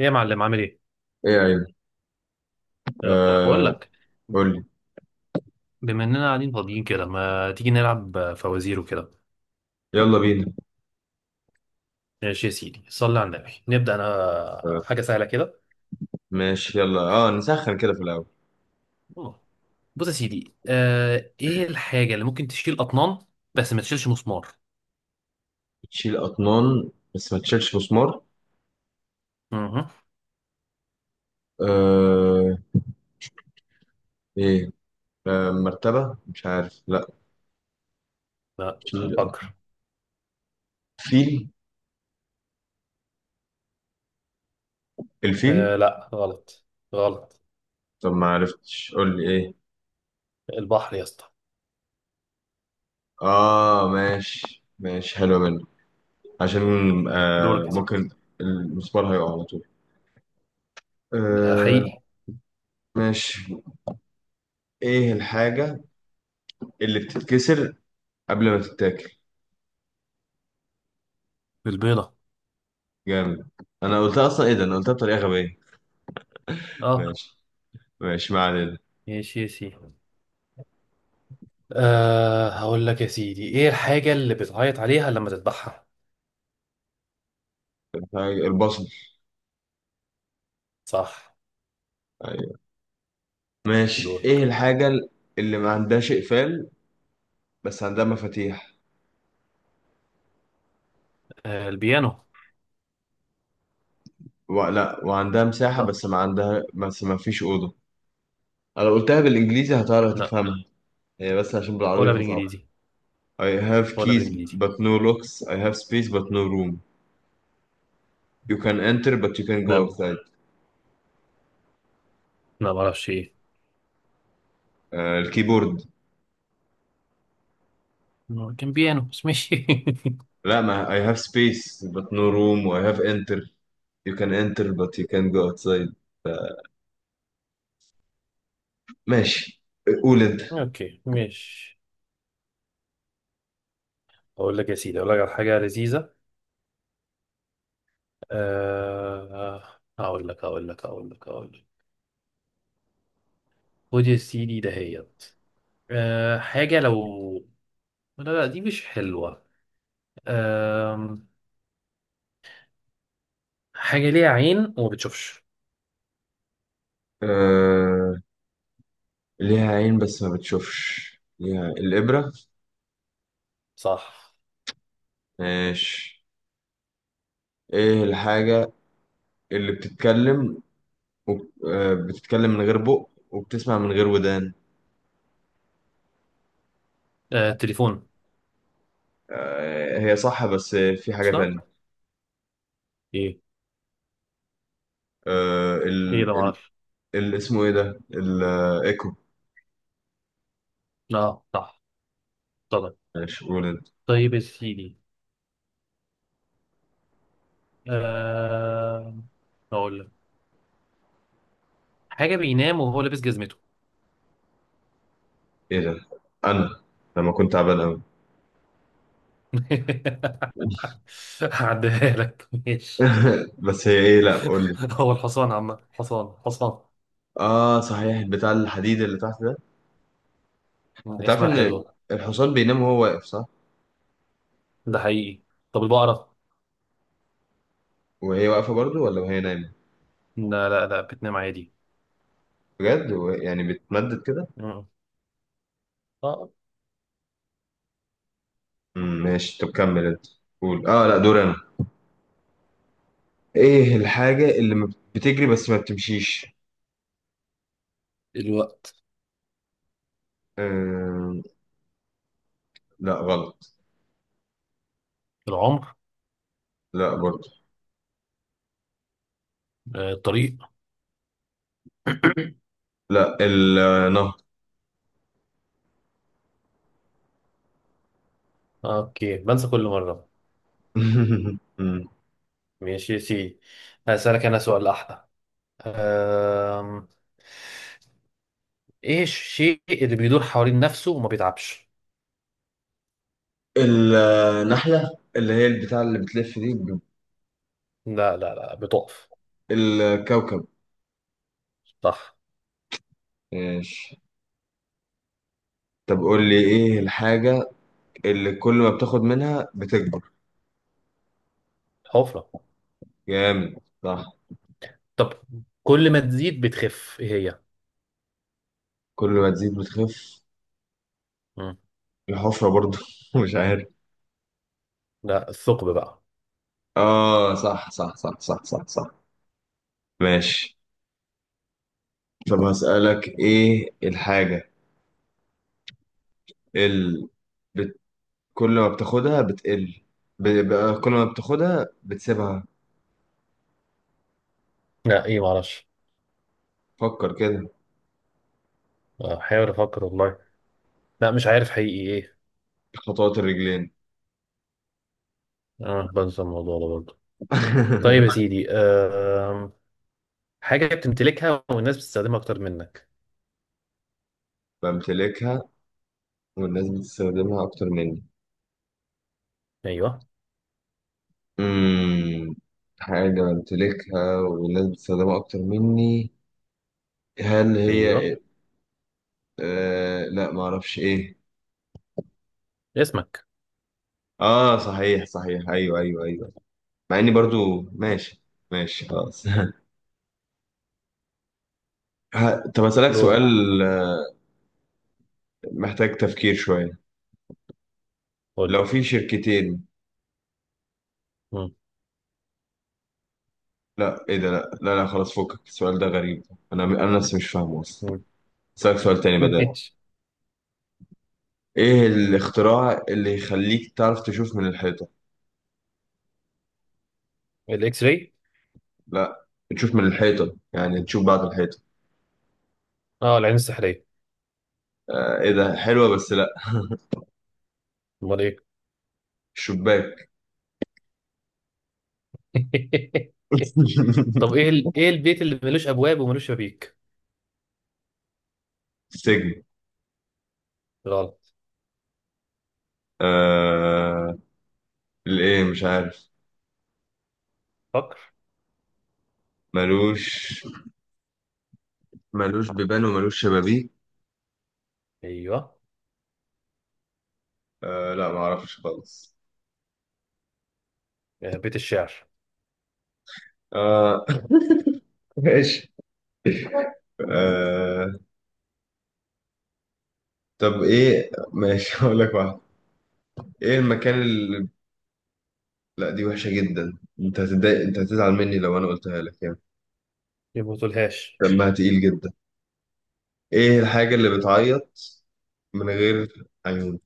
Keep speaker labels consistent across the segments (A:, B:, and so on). A: ايه يا معلم، عامل ايه؟
B: ايه يا عيني.
A: ايه الاخبار؟ بقول
B: آه،
A: لك،
B: قول لي.
A: بما اننا قاعدين فاضيين كده ما تيجي نلعب فوازير وكده.
B: يلا بينا.
A: ماشي يا سيدي، صلي على النبي، نبدا انا
B: آه
A: بحاجه سهله كده.
B: ماشي، يلا نسخن كده في الاول.
A: آه. بص يا سيدي، ايه الحاجه اللي ممكن تشيل اطنان بس ما تشيلش مسمار؟
B: تشيل اطنان بس ما تشيلش مسمار؟
A: اها.
B: آه، ايه؟ آه، مرتبة، مش عارف، لا.
A: لا.
B: تشيل أط-
A: فكر.
B: فيل. الفيل.
A: لا، غلط، غلط.
B: طب ما عرفتش، قول لي ايه.
A: البحر يا اسطى.
B: اه، ماشي، ماشي، حلو منك. عشان
A: يعني دورك يا سيدي.
B: ممكن المسمار هيقع على طول.
A: ده حقيقي.
B: آه، ماشي. ايه الحاجة اللي بتتكسر قبل ما تتاكل؟
A: البيضه.
B: جامد. انا قلتها اصلا، ايه ده، انا قلتها بطريقة غبية.
A: اه،
B: ماشي، ماشي، ما علينا.
A: ماشي يا سيدي. هقول لك يا سيدي، ايه الحاجه اللي بتعيط عليها لما تذبحها؟
B: البصل.
A: صح.
B: ايوه. ماشي،
A: دورك.
B: ايه الحاجة اللي ما عندهاش اقفال بس عندها مفاتيح
A: البيانو.
B: لا، وعندها مساحة،
A: لا.
B: بس ما فيش أوضة. انا قلتها بالانجليزي، هتعرف
A: لا،
B: تفهمها. هي بس عشان بالعربي
A: ولا
B: فصعب.
A: بالانجليزي،
B: I have
A: ولا
B: keys
A: بالانجليزي.
B: but no locks, I have space but no room, you can enter but you can go
A: لا،
B: outside.
A: لا ما اعرفش ايه.
B: آه، الكيبورد.
A: هو كان بيانو بس ماشي.
B: لا، ما I have space but no room و I have enter, you can enter but you can go outside. ماشي، قول انت.
A: اوكي ماشي. اقول لك يا سيدي، اقول لك على حاجه لذيذه. آه اقول لك اقول لك اقول لك اقول لك خد يا سيدي دهيت. حاجه لو... لا لا، دي مش حلوه. آه حاجه ليها عين وما بتشوفش.
B: آه، ليها عين بس ما بتشوفش، ليها الإبرة.
A: صح.
B: ماشي، ايه الحاجة اللي بتتكلم وب... آه، بتتكلم من غير بق وبتسمع من غير ودان؟
A: تليفون.
B: آه، هي صح بس في حاجة
A: صح.
B: تانية.
A: ايه؟
B: آه،
A: ايه
B: ال...
A: ده؟ ما
B: ال...
A: اعرفش.
B: اسمه ايه ده، الايكو.
A: لا، صح. طبعا.
B: ماشي، قول انت.
A: طيب يا سيدي، آه... اقول لك حاجه بينام وهو لابس جزمته.
B: ايه ده، انا لما كنت تعبان قوي.
A: هعديها لك ماشي.
B: بس هي ايه؟ لا، قول لي.
A: هو الحصان، عم حصان، حصان.
B: اه صحيح، بتاع الحديد اللي تحت ده. انت عارف
A: اسمها
B: ان
A: الحدوه.
B: الحصان بينام وهو واقف، صح؟
A: ده حقيقي. طب البقره؟
B: وهي واقفة برضو ولا وهي نايمة؟
A: لا لا لا، بتنام عادي.
B: بجد هو يعني بتمدد كده؟
A: مم. آه.
B: ماشي، طب كمل انت. قول، لا، دور انا. ايه الحاجة اللي ما بتجري بس ما بتمشيش؟
A: الوقت.
B: آه... لا، غلط.
A: العمر.
B: لا، برضه.
A: الطريق.
B: لا، النهر.
A: اوكي، بنسى كل مره.
B: مم.
A: ماشي يا سيدي، هسألك انا سؤال احلى. آم... ايه الشيء اللي بيدور حوالين نفسه وما بيتعبش؟
B: النحلة اللي هي البتاع اللي بتلف دي
A: لا لا لا، بتقف.
B: الكوكب.
A: صح.
B: ماشي، طب قول لي ايه الحاجة اللي كل ما بتاخد منها بتكبر؟
A: حفرة.
B: جامد، صح.
A: طب كل ما تزيد بتخف، ايه هي؟
B: كل ما تزيد بتخف.
A: مم.
B: الحفرة برضه، مش عارف.
A: لا، الثقب بقى.
B: اه، صح، صح، صح، صح، صح، صح. ماشي، طب هسألك ايه الحاجة اللي بت... كل ما بتاخدها بتقل، كل ما بتاخدها بتسيبها.
A: لا، ايه، معرفش.
B: فكر كده.
A: بحاول افكر والله. لا، مش عارف حقيقي ايه.
B: خطوات الرجلين.
A: اه، بنسى الموضوع ده برضه. طيب يا سيدي، حاجة بتمتلكها والناس بتستخدمها اكتر منك.
B: بمتلكها والناس بتستخدمها أكتر مني.
A: ايوه.
B: امم حاجة بمتلكها والناس بتستخدمها أكتر مني، هل
A: ايوه.
B: هي لا، معرفش ايه.
A: اسمك.
B: اه، صحيح، صحيح، ايوه، ايوه، ايوه. مع اني برضو ماشي. ماشي، خلاص. طب اسالك
A: دورك.
B: سؤال. آه، محتاج تفكير شويه.
A: قول
B: لو
A: لي.
B: في شركتين...
A: مم.
B: لا، ايه ده، لا، لا، لا، خلاص، فكك السؤال ده غريب، انا نفسي مش فاهمه اصلا.
A: مم.
B: اسالك سؤال تاني بدل.
A: ماشي.
B: ايه الاختراع اللي يخليك تعرف تشوف من الحيطه؟
A: الاكس راي.
B: لا، تشوف من الحيطه يعني تشوف بعد الحيطه.
A: اه، العين السحرية.
B: آه، ايه ده، حلوه بس لا.
A: امال ايه؟
B: الشباك.
A: طب ايه البيت اللي ملوش ابواب وملوش شبابيك؟
B: السجن.
A: غلط.
B: آه الايه، مش عارف.
A: فكر.
B: ملوش ملوش بيبان وملوش شبابيك.
A: ايوه.
B: لا، ما اعرفش خالص.
A: بيت الشعر.
B: آه، ماشي. آه طب ايه، ماشي، هقول لك واحد. ايه المكان اللي... لا، دي وحشة جدا، انت هتتضايق، انت هتزعل مني لو انا قلتها لك يعني،
A: يبوظولهاش.
B: دمها تقيل جدا. ايه الحاجة اللي بتعيط من غير عيون؟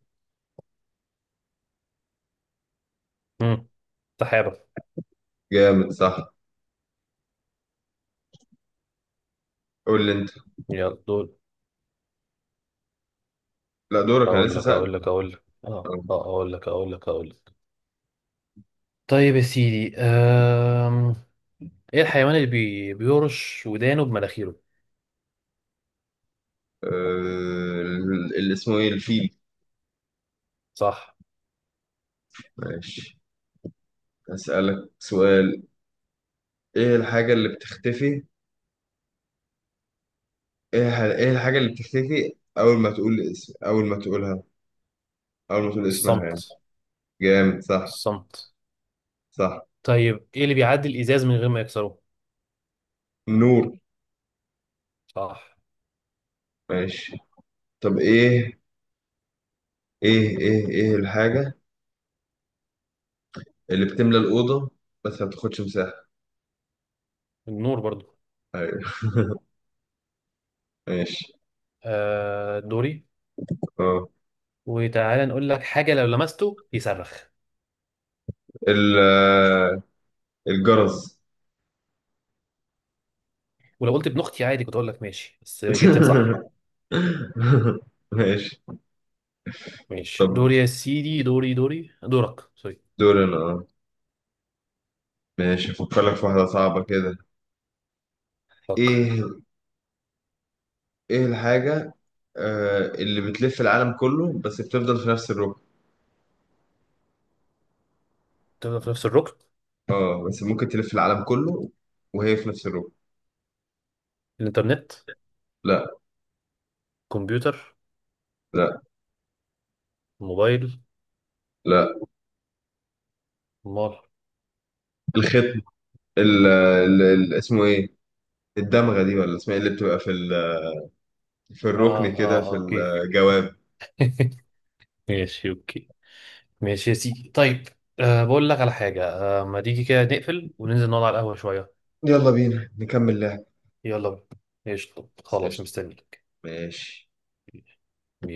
A: امم سحابة.
B: جامد، صح. قول لي انت.
A: يلا دول.
B: لا، دورك انا
A: أقول
B: لسه
A: لك
B: سألك.
A: أقول لك أقول لك آه آه أقول لك أقول لك أقول لك طيب يا سيدي، إيه الحيوان اللي بيرش ودانه بمناخيره؟
B: آه اللي اسمه ايه، الفيل.
A: صح.
B: ماشي، هسألك سؤال. ايه الحاجة اللي بتختفي، ايه الحاجة اللي بتختفي أول ما تقولها، أول ما تقول اسمها يعني؟
A: الصمت.
B: جامد، صح.
A: الصمت.
B: صح.
A: طيب إيه اللي بيعدي الإزاز من غير ما يكسره؟
B: النور.
A: صح.
B: ماشي، طب ايه، ايه الحاجة اللي بتملى الأوضة بس ما بتاخدش مساحة؟
A: النور برضو.
B: أيوة. ماشي.
A: دوري.
B: اه،
A: وتعالى نقول لك حاجة، لو لمسته يصرخ.
B: ال- آه، الجرس.
A: ولو قلت ابن أختي عادي، كنت أقول لك ماشي، بس جبتين صح.
B: ماشي. طب
A: ماشي، دوري يا سيدي، دوري، دوري، دورك، سوري.
B: دور انا. اه ماشي افكر لك في واحدة صعبة كده.
A: فكر.
B: ايه ايه الحاجة اللي بتلف العالم كله بس بتفضل في نفس الركن.
A: تبدأ في نفس الركن.
B: اه بس ممكن تلف العالم كله وهي في نفس الروب.
A: الإنترنت.
B: لا،
A: كمبيوتر.
B: لا،
A: موبايل.
B: لا.
A: مال.
B: الختم. اسمه ايه، الدمغة دي، ولا اسمها ايه اللي بتبقى في في
A: آه،
B: الركن كده،
A: آه،
B: في
A: أوكي.
B: الجواب.
A: ماشي أوكي. ماشي يا سيدي، طيب، بقول لك على حاجة. ما تيجي كده نقفل وننزل نقعد على القهوة شوية.
B: يلا بينا نكمل لعب.
A: يلا بينا. قشطة،
B: بس
A: خلاص،
B: قشطة،
A: مستنيك.
B: ماشي.